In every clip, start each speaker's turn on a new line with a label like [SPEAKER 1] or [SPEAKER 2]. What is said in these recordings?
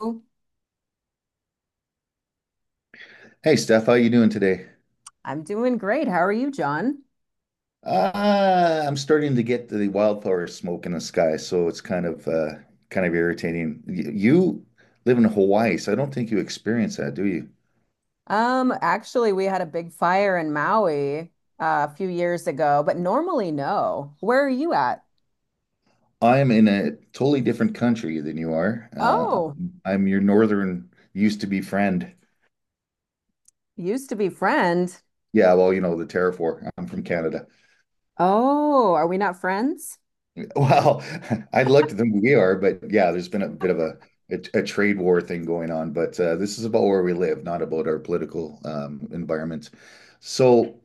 [SPEAKER 1] I'm
[SPEAKER 2] Hey Steph, how you doing today?
[SPEAKER 1] doing great. How are you, John?
[SPEAKER 2] I'm starting to get the wildflower smoke in the sky, so it's kind of irritating. You live in Hawaii, so I don't think you experience that, do you?
[SPEAKER 1] Actually, we had a big fire in Maui a few years ago, but normally no. Where are you at?
[SPEAKER 2] I'm in a totally different country than you are.
[SPEAKER 1] Oh,
[SPEAKER 2] I'm your northern used to be friend.
[SPEAKER 1] used to be friend.
[SPEAKER 2] Yeah, well, you know, the terraform. I'm from Canada.
[SPEAKER 1] Oh, are we not friends?
[SPEAKER 2] Well, I'd like to think we are, but yeah, there's been a bit of a trade war thing going on. But this is about where we live, not about our political environment. So,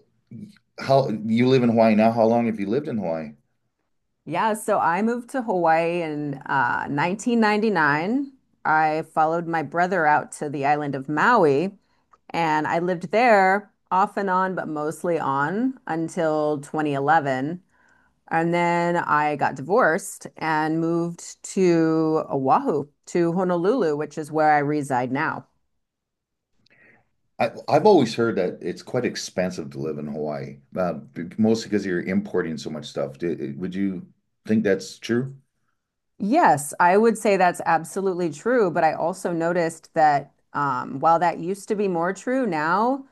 [SPEAKER 2] how you live in Hawaii now? How long have you lived in Hawaii?
[SPEAKER 1] Yeah, so I moved to Hawaii in 1999. I followed my brother out to the island of Maui, and I lived there off and on, but mostly on until 2011. And then I got divorced and moved to Oahu, to Honolulu, which is where I reside now.
[SPEAKER 2] I've always heard that it's quite expensive to live in Hawaii, mostly because you're importing so much stuff. Would you think that's true?
[SPEAKER 1] Yes, I would say that's absolutely true, but I also noticed that while that used to be more true, now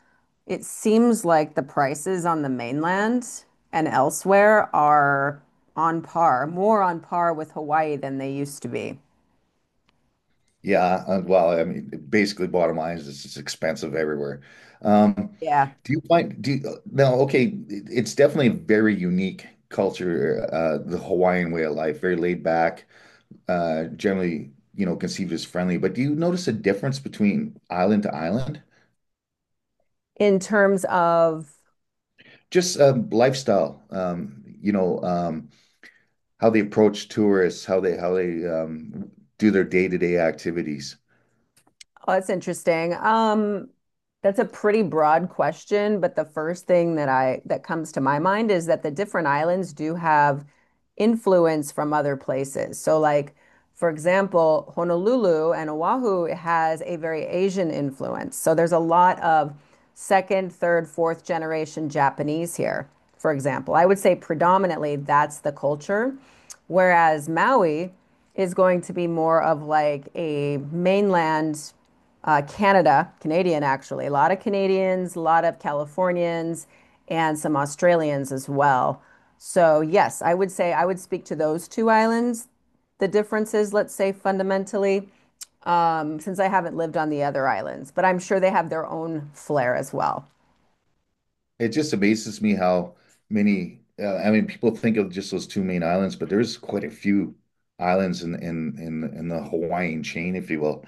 [SPEAKER 1] it seems like the prices on the mainland and elsewhere are on par, more on par with Hawaii than they used to be.
[SPEAKER 2] Yeah, well, I mean, basically, bottom line is it's just expensive everywhere. Um,
[SPEAKER 1] Yeah.
[SPEAKER 2] do you now? Okay, it's definitely a very unique culture, the Hawaiian way of life, very laid back, generally, you know, conceived as friendly. But do you notice a difference between island to island?
[SPEAKER 1] In terms of.
[SPEAKER 2] Just lifestyle, how they approach tourists, how they do their day-to-day activities.
[SPEAKER 1] Oh, that's interesting. That's a pretty broad question, but the first thing that comes to my mind is that the different islands do have influence from other places. So like, for example, Honolulu and Oahu has a very Asian influence. So there's a lot of second, third, fourth generation Japanese here, for example. I would say predominantly that's the culture, whereas Maui is going to be more of like a mainland Canada, Canadian actually, a lot of Canadians, a lot of Californians, and some Australians as well. So, yes, I would say I would speak to those two islands. The differences, let's say fundamentally, since I haven't lived on the other islands, but I'm sure they have their own flair as well.
[SPEAKER 2] It just amazes me how many, I mean, people think of just those two main islands, but there's quite a few islands in the Hawaiian chain, if you will.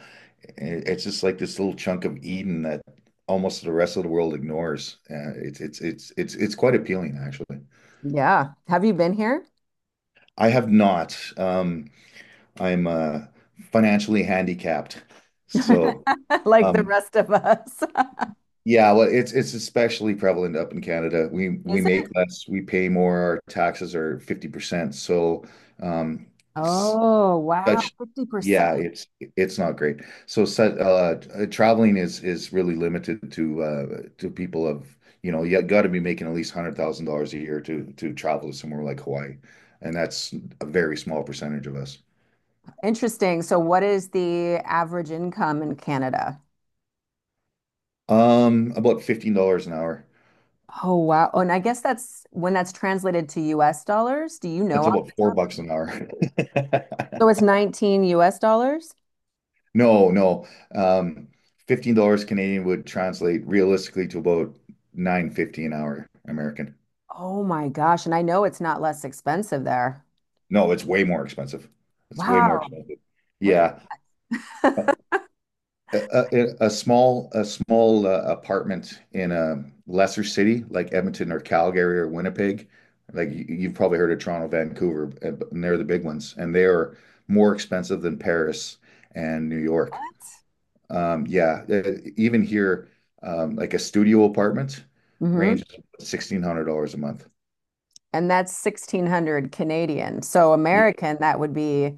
[SPEAKER 2] It's just like this little chunk of Eden that almost the rest of the world ignores. It's quite appealing, actually.
[SPEAKER 1] Yeah. Have you been here?
[SPEAKER 2] I have not. I'm Financially handicapped, so.
[SPEAKER 1] Like the
[SPEAKER 2] Um,
[SPEAKER 1] rest of us.
[SPEAKER 2] Yeah, well, it's especially prevalent up in Canada. We we
[SPEAKER 1] Is it?
[SPEAKER 2] make less, we pay more, our taxes are 50%. So, um, s-
[SPEAKER 1] Oh, wow.
[SPEAKER 2] such
[SPEAKER 1] 50%.
[SPEAKER 2] yeah, it's not great. So, such traveling is really limited to people of, you know, you got to be making at least $100,000 a year to travel to somewhere like Hawaii, and that's a very small percentage of us.
[SPEAKER 1] Interesting. So, what is the average income in Canada?
[SPEAKER 2] About $15 an hour.
[SPEAKER 1] Oh, wow. Oh, and I guess that's when that's translated to US dollars. Do you know
[SPEAKER 2] That's
[SPEAKER 1] off the
[SPEAKER 2] about four
[SPEAKER 1] top?
[SPEAKER 2] bucks an hour.
[SPEAKER 1] So it's 19 US dollars?
[SPEAKER 2] No, no. Um, $15 Canadian would translate realistically to about 9.50 an hour American.
[SPEAKER 1] Oh my gosh. And I know it's not less expensive there.
[SPEAKER 2] No, it's way more expensive. It's way more
[SPEAKER 1] Wow.
[SPEAKER 2] expensive.
[SPEAKER 1] What
[SPEAKER 2] Yeah. A,
[SPEAKER 1] the-
[SPEAKER 2] a small apartment in a lesser city like Edmonton or Calgary or Winnipeg, like you've probably heard of Toronto, Vancouver, and they're the big ones, and they are more expensive than Paris and New York. Yeah, Even here, like a studio apartment
[SPEAKER 1] Hmm.
[SPEAKER 2] ranges $1,600 a month.
[SPEAKER 1] And that's 1600 Canadian. So
[SPEAKER 2] Yeah,
[SPEAKER 1] American, that would be,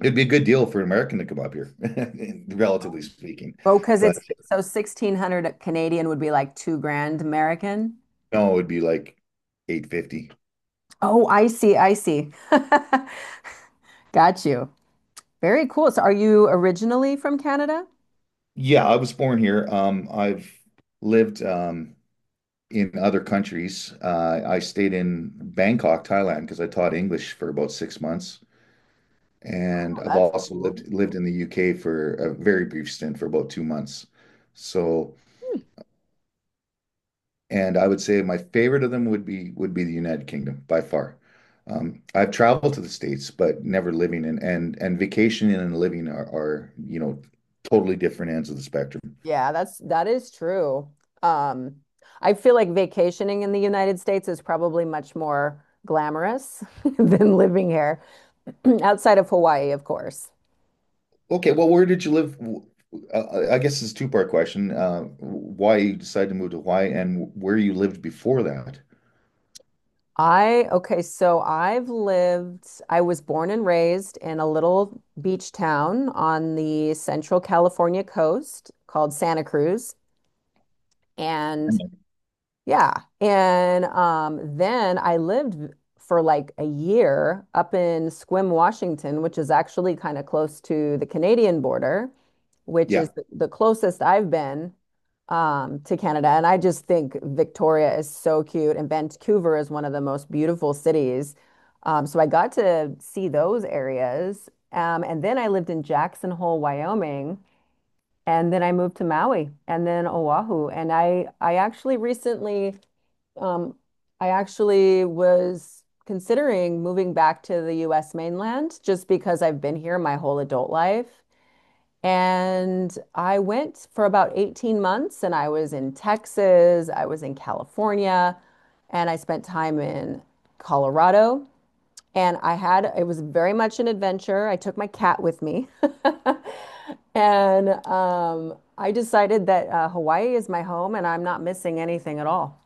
[SPEAKER 2] it'd be a good deal for an American to come up here, relatively speaking.
[SPEAKER 1] oh, because
[SPEAKER 2] But
[SPEAKER 1] it's so 1600 Canadian would be like two grand American.
[SPEAKER 2] no, it'd be like 850.
[SPEAKER 1] Oh, I see. I see. Got you. Very cool. So are you originally from Canada?
[SPEAKER 2] Yeah, I was born here. I've lived in other countries. I stayed in Bangkok, Thailand, because I taught English for about 6 months, and
[SPEAKER 1] Oh,
[SPEAKER 2] I've
[SPEAKER 1] that's
[SPEAKER 2] also
[SPEAKER 1] cool.
[SPEAKER 2] lived in the UK for a very brief stint for about 2 months. So, and I would say my favorite of them would be the United Kingdom by far. I've traveled to the States, but never living in, and vacationing and living are, you know, totally different ends of the spectrum.
[SPEAKER 1] Yeah, that's that is true. Um, I feel like vacationing in the United States is probably much more glamorous than living here, outside of Hawaii, of course.
[SPEAKER 2] Okay, well, where did you live? I guess it's a two-part question. Why you decided to move to Hawaii and where you lived before that?
[SPEAKER 1] Okay, so I've lived, I was born and raised in a little beach town on the central California coast called Santa Cruz. And yeah. And then I lived for like a year up in Squim, Washington, which is actually kind of close to the Canadian border, which is
[SPEAKER 2] Yeah,
[SPEAKER 1] the closest I've been to Canada. And I just think Victoria is so cute, and Vancouver is one of the most beautiful cities. So I got to see those areas. And then I lived in Jackson Hole, Wyoming. And then I moved to Maui and then Oahu. And I actually recently um, I actually was considering moving back to the US mainland just because I've been here my whole adult life. And I went for about 18 months and I was in Texas, I was in California, and I spent time in Colorado. And I had, it was very much an adventure. I took my cat with me. And I decided that Hawaii is my home and I'm not missing anything at all.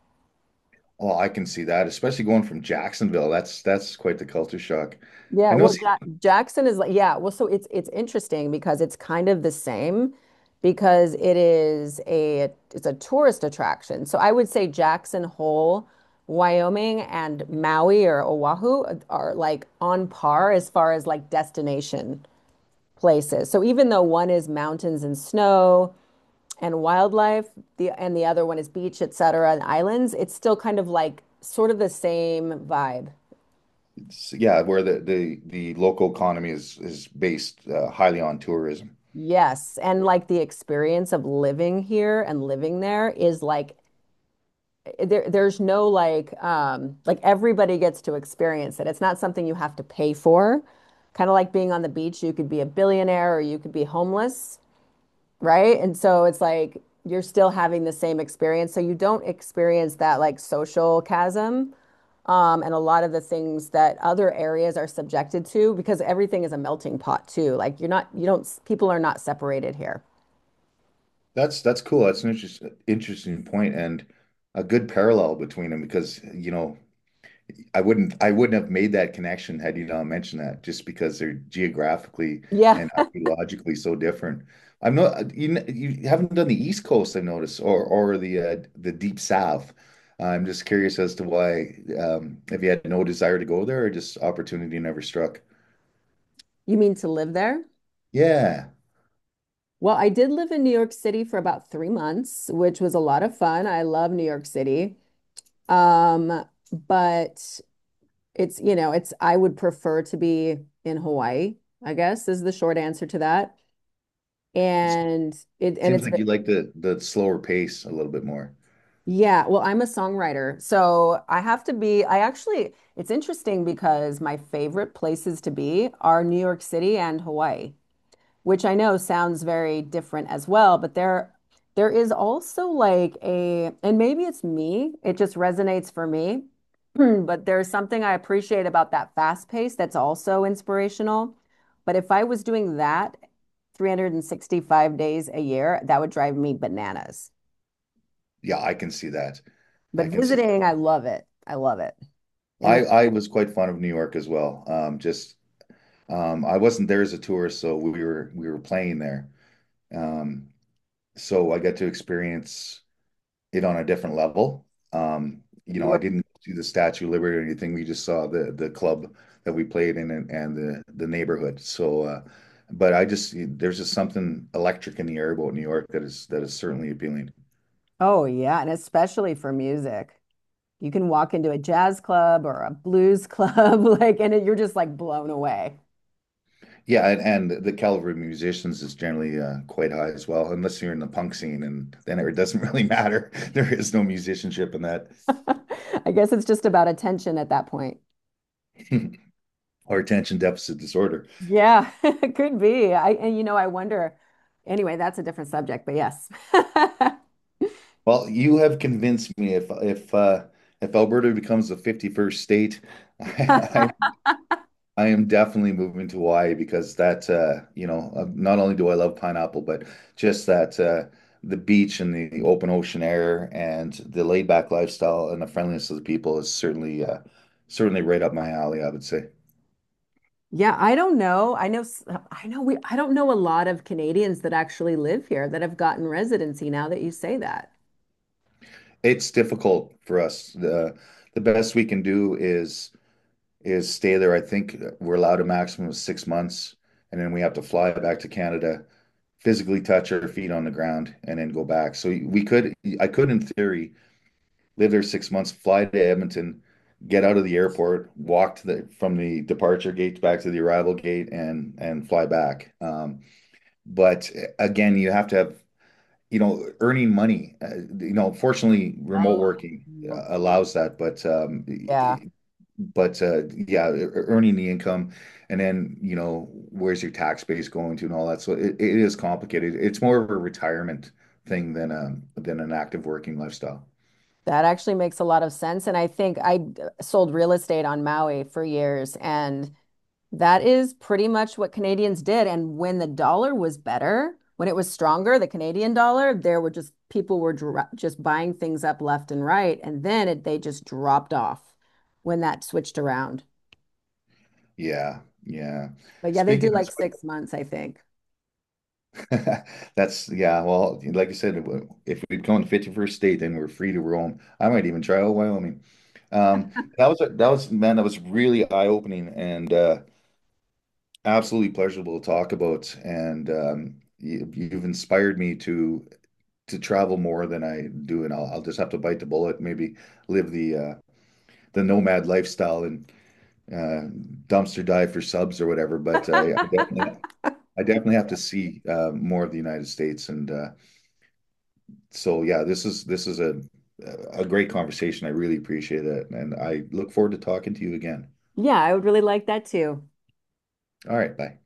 [SPEAKER 2] well, I can see that, especially going from Jacksonville. That's quite the culture shock.
[SPEAKER 1] Yeah,
[SPEAKER 2] I know
[SPEAKER 1] well,
[SPEAKER 2] it's.
[SPEAKER 1] Ja Jackson is like, yeah, well, so it's interesting because it's kind of the same because it is a it's a tourist attraction. So I would say Jackson Hole, Wyoming and Maui or Oahu are like on par as far as like destination places. So even though one is mountains and snow and wildlife, the other one is beach, et cetera, and islands, it's still kind of like sort of the same vibe.
[SPEAKER 2] So, yeah, where the local economy is based highly on tourism.
[SPEAKER 1] Yes, and like the experience of living here and living there is like there there's no like like everybody gets to experience it. It's not something you have to pay for. Kind of like being on the beach, you could be a billionaire or you could be homeless, right? And so it's like you're still having the same experience. So you don't experience that like social chasm and a lot of the things that other areas are subjected to because everything is a melting pot too. Like you're not, you don't, people are not separated here.
[SPEAKER 2] That's cool. That's an interesting point, and a good parallel between them because you know I wouldn't have made that connection had you not mentioned that just because they're geographically
[SPEAKER 1] Yeah.
[SPEAKER 2] and archaeologically so different. I'm not, you you haven't done the East Coast I've noticed, or the Deep South. I'm just curious as to why if you had no desire to go there or just opportunity never struck.
[SPEAKER 1] You mean to live there?
[SPEAKER 2] Yeah.
[SPEAKER 1] Well, I did live in New York City for about 3 months, which was a lot of fun. I love New York City. Um, but it's, you know, it's, I would prefer to be in Hawaii, I guess is the short answer to that. And it, and
[SPEAKER 2] Seems
[SPEAKER 1] it's,
[SPEAKER 2] like you like the slower pace a little bit more.
[SPEAKER 1] yeah, well, I'm a songwriter. So I have to be, I actually, it's interesting because my favorite places to be are New York City and Hawaii, which I know sounds very different as well, but there is also like a, and maybe it's me, it just resonates for me, but there's something I appreciate about that fast pace that's also inspirational. But if I was doing that 365 days a year, that would drive me bananas.
[SPEAKER 2] Yeah, I can see that.
[SPEAKER 1] But
[SPEAKER 2] I can see
[SPEAKER 1] visiting,
[SPEAKER 2] that.
[SPEAKER 1] I love it. I love it. And the,
[SPEAKER 2] I was quite fond of New York as well. Just I wasn't there as a tourist, so we were playing there. Um, so I got to experience it on a different level. You
[SPEAKER 1] you
[SPEAKER 2] know, I
[SPEAKER 1] were,
[SPEAKER 2] didn't do the Statue of Liberty or anything. We just saw the club that we played in, and the neighborhood. So, but I just there's just something electric in the air about New York that is certainly appealing.
[SPEAKER 1] oh yeah, and especially for music. You can walk into a jazz club or a blues club, like, and it, you're just like blown away.
[SPEAKER 2] Yeah, and the caliber of musicians is generally quite high as well, unless you're in the punk scene, and then it doesn't really matter. There is no musicianship in that.
[SPEAKER 1] I guess it's just about attention at that point.
[SPEAKER 2] Or attention deficit disorder.
[SPEAKER 1] Yeah, it could be. I, and you know, I wonder. Anyway, that's a different subject, but yes.
[SPEAKER 2] Well, you have convinced me. If Alberta becomes the 51st state, I, I I am definitely moving to Hawaii because not only do I love pineapple, but just that the beach, and the open ocean air, and the laid back lifestyle, and the friendliness of the people is certainly, certainly right up my alley, I would say.
[SPEAKER 1] Yeah, I don't know. I know, I know we, I don't know a lot of Canadians that actually live here that have gotten residency now that you say that.
[SPEAKER 2] It's difficult for us. The best we can do is stay there. I think we're allowed a maximum of 6 months, and then we have to fly back to Canada, physically touch our feet on the ground, and then go back. So I could, in theory, live there 6 months, fly to Edmonton, get out of the airport, walk to the from the departure gate back to the arrival gate, and fly back. But again, you have to have, you know, earning money. You know, fortunately, remote working
[SPEAKER 1] Oh,
[SPEAKER 2] allows that, but
[SPEAKER 1] yeah,
[SPEAKER 2] yeah, earning the income, and then you know where's your tax base going to and all that. So it is complicated. It's more of a retirement thing than an active working lifestyle.
[SPEAKER 1] that actually makes a lot of sense. And I think sold real estate on Maui for years, and that is pretty much what Canadians did. And when the dollar was better, when it was stronger, the Canadian dollar, there were just people were just buying things up left and right. And then they just dropped off when that switched around.
[SPEAKER 2] Yeah, yeah.
[SPEAKER 1] But yeah, they do
[SPEAKER 2] Speaking of,
[SPEAKER 1] like
[SPEAKER 2] sp-
[SPEAKER 1] 6 months, I think.
[SPEAKER 2] that's yeah. Well, like you said, if we'd would gone 51st state, then we're free to roam. I might even try out Wyoming. Um, that was man, that was really eye-opening and absolutely pleasurable to talk about. And you, you've inspired me to travel more than I do, and I'll just have to bite the bullet, maybe live the nomad lifestyle and uh, dumpster dive for subs or whatever. But yeah, I definitely have to see more of the United States, and so yeah, this is a great conversation. I really appreciate it, and I look forward to talking to you again.
[SPEAKER 1] Yeah, I would really like that too.
[SPEAKER 2] All right, bye.